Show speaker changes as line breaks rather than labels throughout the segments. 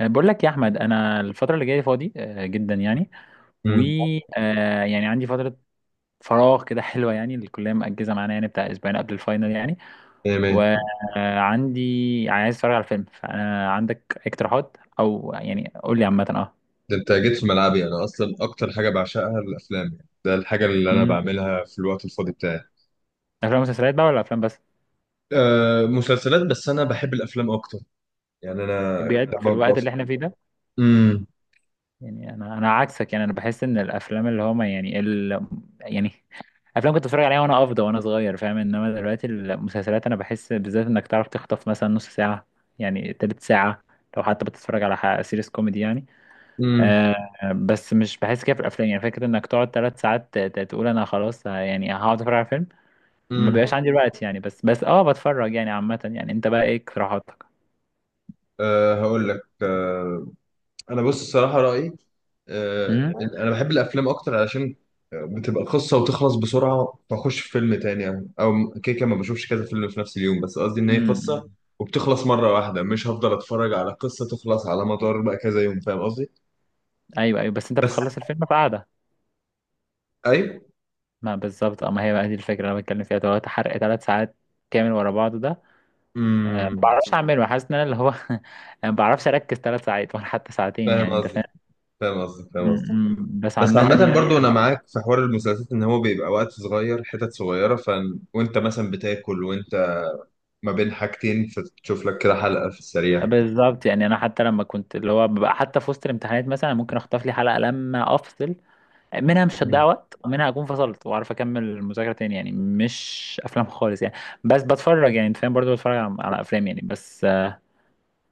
بقول لك يا احمد، انا الفتره اللي جايه فاضي جدا يعني. و
امم
آه، يعني عندي فتره فراغ كده حلوه، يعني الكليه مأجزه معانا يعني بتاع اسبوعين قبل الفاينل يعني.
ايه مية.
وعندي عايز اتفرج على فيلم، فانا عندك اقتراحات، او يعني قول لي عامه
ده انت جيت في ملعبي، انا اصلا اكتر حاجه بعشقها الافلام، يعني ده الحاجه اللي انا
مم.
بعملها في الوقت الفاضي بتاعي.
افلام ومسلسلات بقى، ولا افلام بس؟
أه، مسلسلات؟ بس انا بحب الافلام اكتر. يعني انا
بجد في
لما
الوقت
بفضل.
اللي احنا فيه ده.
امم
يعني انا عكسك، يعني انا بحس ان الافلام اللي هما يعني يعني افلام كنت اتفرج عليها وانا افضى وانا صغير فاهم. انما دلوقتي المسلسلات، انا بحس بالذات انك تعرف تخطف مثلا نص ساعه، يعني تلت ساعه، لو حتى بتتفرج على سيريس كوميدي يعني.
امم
آه بس مش بحس كده في الافلام، يعني فكره انك تقعد ثلاث ساعات تقول انا خلاص، يعني هقعد اتفرج على فيلم. ما
امم
بيبقاش عندي الوقت يعني، بس اه بتفرج يعني عامه. يعني انت بقى ايه اقتراحاتك؟
هقول لك. انا بص، الصراحه رايي
امم
انا بحب الافلام اكتر علشان بتبقى قصه وتخلص بسرعه، فاخش في فيلم تاني. او او كده كده ما بشوفش كذا فيلم في نفس اليوم، بس قصدي ان هي
أمم.
قصه وبتخلص مره واحده، مش هفضل اتفرج على قصه تخلص على مدار بقى كذا يوم، فاهم قصدي؟
ايوه ايوه، بس انت
بس،
بتخلص الفيلم في قعده؟
اي.
ما بالظبط اه، ما هي بقى دي الفكرة اللي انا بتكلم فيها دلوقتي، حرق ثلاث ساعات كامل ورا بعض ده. ما
امم
بعرفش اعمله، حاسس ان انا اللي هو ما بعرفش اركز ثلاث ساعات ولا حتى ساعتين،
فاهم
يعني انت فاهم.
قصدك، فاهم قصدك، فاهم قصدك.
بس
بس
عامة
عامة
يعني.
برضو أنا معاك في حوار المسلسلات، إن هو بيبقى وقت صغير، حتت صغيرة وأنت مثلا بتاكل وأنت ما بين حاجتين، فتشوف لك كده حلقة في السريع.
بالظبط، يعني انا حتى لما كنت اللي هو ببقى حتى في وسط الامتحانات، مثلا ممكن اخطف لي حلقة لما افصل، منها مش هتضيع وقت، ومنها اكون فصلت واعرف اكمل المذاكرة تاني يعني. مش افلام خالص يعني، بس بتفرج يعني انت فاهم برضه. بتفرج على افلام يعني بس.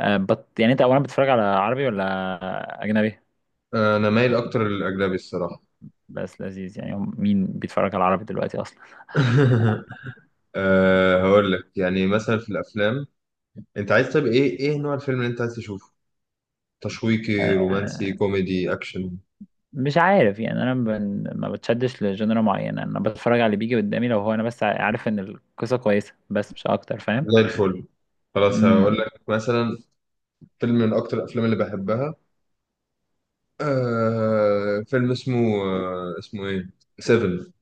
أه بت يعني انت اولا بتتفرج على عربي ولا اجنبي؟
انا مايل اكتر للاجنبي الصراحه.
بس لذيذ يعني، مين بيتفرج على العربي دلوقتي اصلا؟
هقول لك، يعني مثلا في الافلام، انت عايز طيب ايه ايه نوع الفيلم اللي انت عايز تشوفه؟ تشويقي، رومانسي،
آه،
كوميدي، اكشن؟
مش عارف يعني، انا ما بتشدش لجنرا معينه، انا بتفرج على اللي بيجي قدامي، لو هو انا بس عارف ان القصه كويسه بس مش اكتر فاهم.
زي الفل. خلاص هقول
امم
لك مثلا. فيلم من اكتر الافلام اللي بحبها، فيلم اسمه، اسمه ايه، سيفن.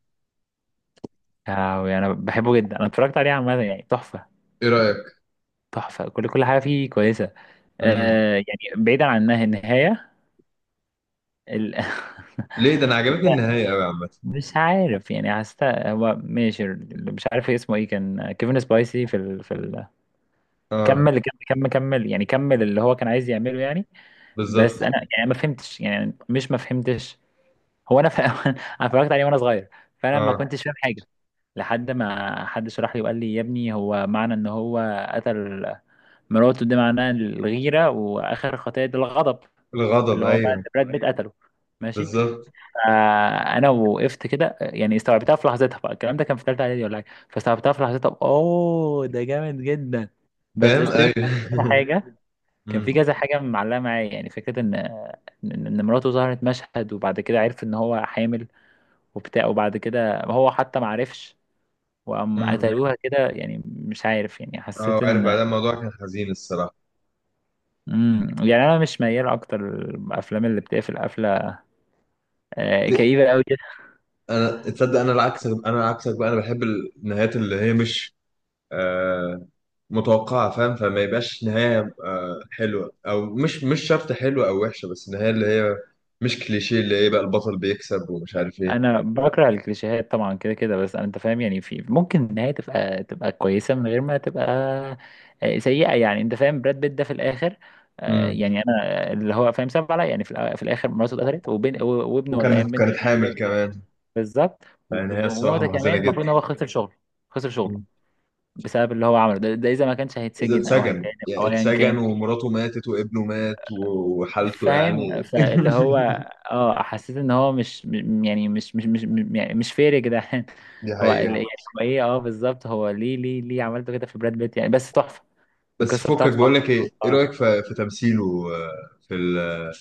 يعني انا بحبه جدا، انا اتفرجت عليه عامه يعني تحفه.
ايه رايك؟
تحفه، كل كل حاجه فيه كويسه.
مم.
يعني بعيدا عن النهايه ال...
ليه؟ ده انا عجبتني النهايه قوي عامه.
مش عارف يعني، حسيت هو ماشي، اللي مش عارف اسمه ايه، كان كيفن سبايسي في في
اه،
كمل كمل كمل كمل، يعني كمل اللي هو كان عايز يعمله يعني.
بالظبط.
بس انا يعني ما فهمتش، هو انا انا اتفرجت عليه وانا صغير، فانا ما
اه،
كنتش فاهم حاجه لحد ما حد شرح لي وقال لي يا ابني، هو معنى ان هو قتل مراته ده معناه الغيره، واخر خطيه ده الغضب،
الغضب،
اللي هو بقى
ايوه،
براد بيت قتله. ماشي.
بالظبط.
فانا وقفت كده، يعني استوعبتها في لحظتها، بقى الكلام ده كان في ثالثه اعدادي ولا حاجه، فاستوعبتها في لحظتها، اوه ده جامد جدا، بس
فاهم،
استرك
ايوه.
حاجه. كان
مم.
في كذا حاجة معلقة معايا، يعني فكرة إن مراته ظهرت مشهد وبعد كده عرف إن هو حامل وبتاع، وبعد كده هو حتى معرفش، وقام
مم.
قتلوها كده، يعني مش عارف يعني
اه،
حسيت
عارف،
إن.
بعدها الموضوع كان حزين الصراحه.
يعني أنا مش ميال أكتر الأفلام اللي بتقفل قفلة كئيبة أوي.
انا تصدق؟ انا العكس، انا عكسك بقى، انا بحب النهايات اللي هي مش آه متوقعه، فاهم؟ فما يبقاش نهايه حلوه او مش مش شرط حلوه او وحشه، بس النهايه اللي هي مش كليشيه، اللي هي بقى البطل بيكسب ومش عارف ايه.
انا بكره الكليشيهات طبعا كده كده، بس انت فاهم يعني، في ممكن النهايه تبقى كويسه من غير ما تبقى سيئه، يعني انت فاهم. براد بيت ده في الاخر،
امم
يعني انا اللي هو فاهم سبب عليا، يعني في الاخر مراته اتقتلت وابنه ولا
وكانت
ايام بنته
كانت حامل
كانت.
كمان.
بالظبط.
يعني هي الصراحه
ونقطه كمان،
محزنه جدا.
المفروض ان هو خسر شغله، خسر شغله
مم.
بسبب اللي هو عمله ده, ده اذا ما كانش
ده
هيتسجن او هيتعدم،
اتسجن، يعني
او ايا
اتسجن
كان،
ومراته ماتت وابنه مات وحالته
فاهم.
يعني
فاللي هو اه، حسيت ان هو مش م- يعني مش مش مش م- يعني مش فير يا جدعان
دي حقيقة.
يعني هو ايه، اه بالظبط، هو ليه ليه ليه عملته كده في براد بيت يعني؟ بس تحفه،
بس
القصه
فكك،
بتاعته
بقول لك
تحفه
ايه ايه رايك
اه.
في تمثيله آه، في ال-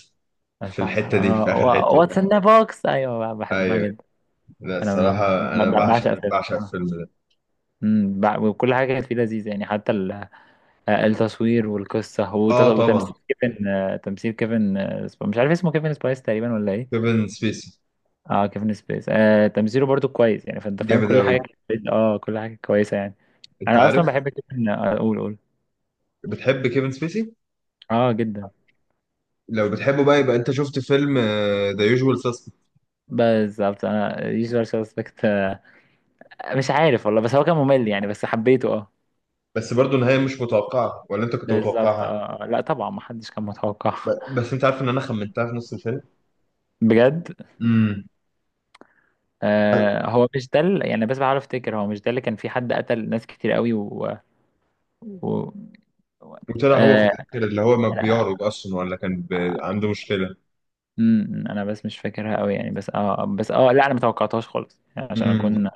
في
تحفه
الحته دي، في
اه،
اخر حته دي.
واتس ان بوكس، ايوه بحبها
ايوه.
جدا.
لا
انا
الصراحه. انا بعشق
بعشق الفيلم
بعشق
اه.
الفيلم ده.
وكل حاجه كانت فيه لذيذه يعني، حتى التصوير والقصه،
اه طبعا.
وتمثيل كيفن، تمثيل كيفن، مش عارف اسمه، كيفن سبايس تقريبا ولا ايه.
كيفن سبيسي.
اه، كيفن سبيس تمثيله برضو كويس يعني، فانت فاهم
جامد
كل
قوي.
حاجه كل حاجه كويسه يعني.
انت
انا اصلا
عارف؟
بحب كيفن آه، اقول اقول
بتحب كيفن سبيسي؟
اه جدا.
لو بتحبه بقى، يبقى انت شفت فيلم ذا يوجوال ساسبكت؟
بالظبط انا يوزوال سسبكت. مش عارف والله، بس هو كان ممل يعني، بس حبيته اه.
بس برضه النهايه مش متوقعه، ولا انت كنت
بالظبط
متوقعها؟
اه لا طبعا، ما حدش كان متوقع
بس انت عارف ان انا خمنتها في نص الفيلم.
بجد.
امم
هو مش ده يعني، بس بحاول افتكر، هو مش ده اللي كان في حد قتل ناس كتير قوي و, و... و...
وطلع هو في
آه
الاخر اللي هو ما
انا
بيعرج اصلا، ولا كان عنده مشكله؟
انا بس مش فاكرها قوي يعني، بس اه بس اه لا، انا ما توقعتهاش خالص، يعني عشان اكون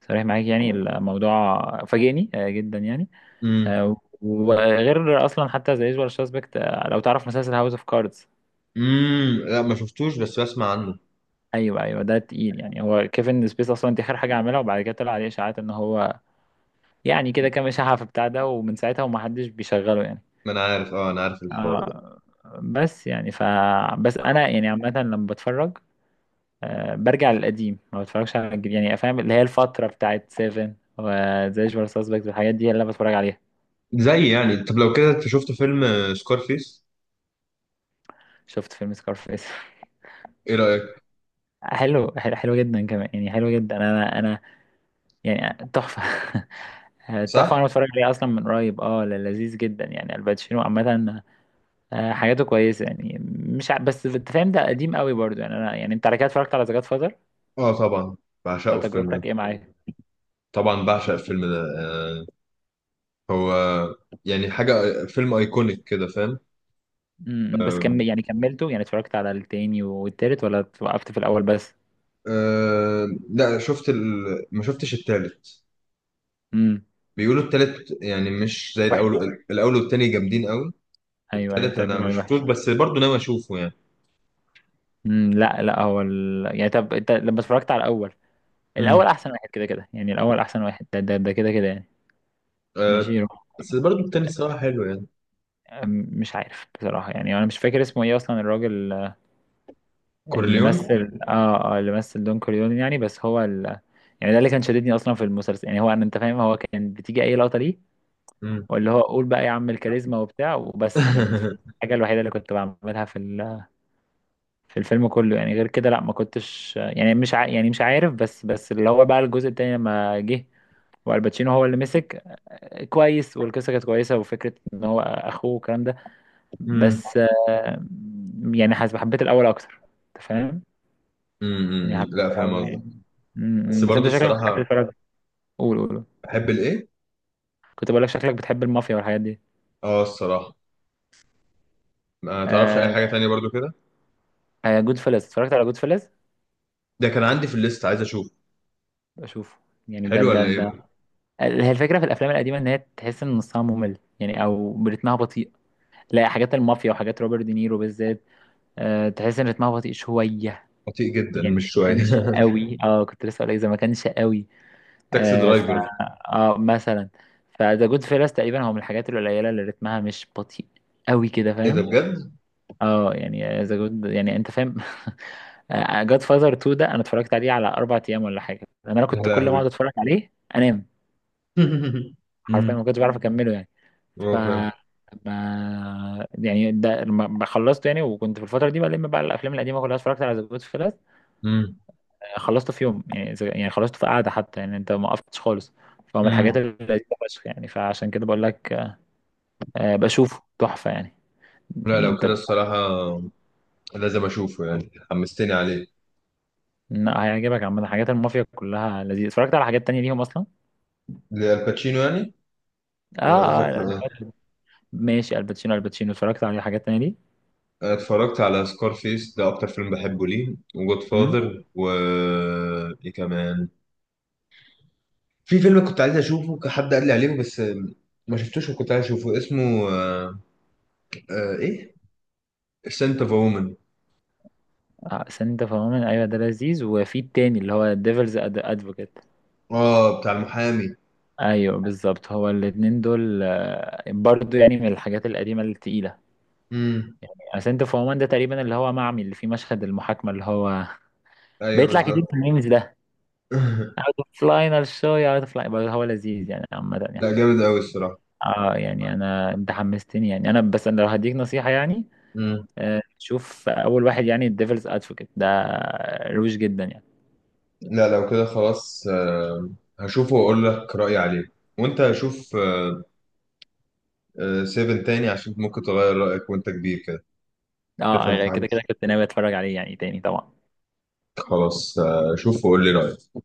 صريح معاك، يعني الموضوع فاجئني جدا يعني.
امم.
آه، وغير اصلا، حتى زي يوجوال سسبكت، لو تعرف مسلسل هاوس اوف كاردز.
امم، لا ما شفتوش، بس بسمع عنه.
ايوه ده تقيل يعني. هو كيفن سبيس اصلا، دي اخر حاجه عملها، وبعد كده طلع عليه اشاعات ان هو يعني كده كام اشاعه في بتاع ده، ومن ساعتها ومحدش بيشغله يعني.
ما انا عارف، اه انا عارف الحوار ده.
آه بس يعني بس انا يعني عامه لما بتفرج برجع للقديم، ما بتفرجش على الجديد، يعني فاهم اللي هي الفتره بتاعت سيفن وزي يوجوال سسبكت والحاجات دي، اللي انا بتفرج عليها.
زي يعني، طب لو كده انت شفت فيلم سكارفيس؟
شفت فيلم سكارفيس.
ايه رأيك؟
حلو حلو حلو جدا كمان يعني، حلو جدا. انا يعني تحفه تحفه،
صح.
انا بتفرج عليه اصلا من قريب اه، لذيذ جدا يعني. الباتشينو عامه، حاجاته كويسه يعني. مش ع... بس انت فاهم، ده قديم قوي برضو يعني. انا يعني انت على كده اتفرجت على ذا جاد فاذر،
اه طبعا، بعشقه الفيلم ده.
تجربتك ايه معاه؟
طبعا بعشق الفيلم ده هو يعني حاجة فيلم ايكونيك كده، فاهم؟
بس كم يعني كملته يعني، اتفرجت على التاني والتالت ولا وقفت في الاول بس؟
لا، شفت ما شفتش التالت.
امم
بيقولوا التالت يعني مش زي
وحش.
الاول. الاول والتاني جامدين قوي.
ايوه ايوه،
التالت
تربي
انا ما
الوعي
شفتوش،
وحش.
بس برضه ناوي اشوفه يعني.
لا لا، هو يعني، طب انت لما اتفرجت على الاول،
امم.
الاول احسن واحد كده كده، يعني الاول احسن واحد، ده كده كده يعني.
آه
ماشي
بس برضه التاني الصراحة حلو يعني.
أم- مش عارف بصراحة، يعني أنا مش فاكر اسمه إيه أصلا الراجل، اللي
كورليون.
مثل اللي مثل دون كوريون يعني، بس هو يعني ده اللي كان شددني أصلا في المسلسل، يعني هو أنا أنت فاهم، هو كان بتيجي أي لقطة ليه، واللي هو قول بقى يا عم الكاريزما وبتاع وبس، يعني أنت فاهم؟ الحاجة الوحيدة اللي كنت بعملها في في الفيلم كله يعني، غير كده لا ما كنتش يعني مش ع... يعني مش عارف، بس اللي هو بقى الجزء التاني لما جه والباتشينو هو اللي مسك كويس، والقصة كانت كويسة، وفكرة إن هو أخوه والكلام ده،
امم.
بس يعني حاسس حبيت الاول اكتر، انت فاهم، يعني
امم،
حبيت
لا فاهم
الاول
قصدك.
يعني. م-
بس
م. بس
برضو
انت شكلك بتحب
الصراحه.
تتفرج، قول قول قول.
بحب الايه؟
كنت بقول لك شكلك بتحب المافيا والحاجات دي.
اه الصراحه ما تعرفش اي
آه
حاجه تانية برضو كده.
جود فيلز، اتفرجت على جود فيلز؟
ده كان عندي في الليست عايز اشوف.
بشوفه يعني، ده
حلو ولا
ده
ايه
ده
بقى؟
هي الفكره في الافلام القديمه، ان هي تحس ان نصها ممل يعني، او رتمها بطيء. لا، حاجات المافيا وحاجات روبرت دينيرو بالذات تحس ان رتمها بطيء شويه
بطيء جدا،
يعني.
مش
ما
شويه.
كانش قوي، اه كنت لسه اقول لك، إذا ما كانش قوي
تاكسي
آه، ف
درايفر.
اه مثلا، فذا جود فيلس تقريبا هو من الحاجات القليله اللي رتمها مش بطيء قوي كده
ايه ده،
فاهم.
بجد؟
اه يعني ذا جود، يعني انت فاهم جاد فازر 2 ده انا اتفرجت عليه على اربع ايام ولا حاجه، لأن انا
يا
كنت كل ما
لهوي.
اقعد اتفرج عليه انام، حرفيا
امم.
ما كنتش بعرف اكمله يعني. ف
اه، فاهم.
ما يعني ده، لما خلصته يعني، وكنت في الفتره دي بلم بقى الافلام القديمه كلها، اتفرجت على ذا جود،
امم.
خلصته في يوم، يعني يعني خلصته في قعده حتى، يعني انت ما وقفتش خالص. فهو من الحاجات
امم،
اللذيذه فشخ يعني، فعشان كده بقول لك بشوفه تحفه يعني.
لا
يعني
لو
انت
كده
ب-
الصراحه لازم اشوفه يعني، حمستني عليه.
لا، هيعجبك عامه، حاجات المافيا كلها لذيذه، اتفرجت على حاجات تانية ليهم اصلا.
للباتشينو يعني؟ ولا قصدك
لا،
لايه؟
ماشي الباتشينو، الباتشينو اتفرجت على حاجات تانية ليه.
أنا اتفرجت على سكارفيس، ده اكتر فيلم بحبه ليه، وجود
امم
فاذر و Godfather، ايه كمان؟ في فيلم كنت عايز اشوفه، حد قال لي عليه بس ما شفتوش، وكنت عايز اشوفه اسمه ايه، سنت اوف وومن.
آه سنت فهمان، ايوه ده لذيذ، وفي التاني اللي هو ديفلز ادفوكيت.
اه بتاع المحامي؟
ايوه بالظبط، هو الاتنين دول برضو يعني من الحاجات القديمه التقيله.
امم.
سنت اوف وومن ده تقريبا اللي هو معمي، اللي فيه مشهد المحاكمة اللي هو
ايوه
بيطلع كتير
بالظبط.
في الميمز ده. اوت اوف لاينر شو، يا اوت اوف لاينر، هو لذيذ يعني عامة يعني.
لا جامد قوي الصراحه.
اه يعني انا، انت حمستني يعني، انا بس انا لو هديك نصيحة يعني
امم.
شوف اول واحد، يعني الديفلز ادفوكيت ده، روش جدا يعني.
لا لو كده خلاص هشوفه واقول لك رايي عليه. وانت هشوف سيفن تاني عشان ممكن تغير رايك وانت كبير كده
اه
تفهم
يعني
حاجه.
كده كده كنت ناوي اتفرج عليه يعني تاني طبعا.
خلاص. شوف وقول لي رايك.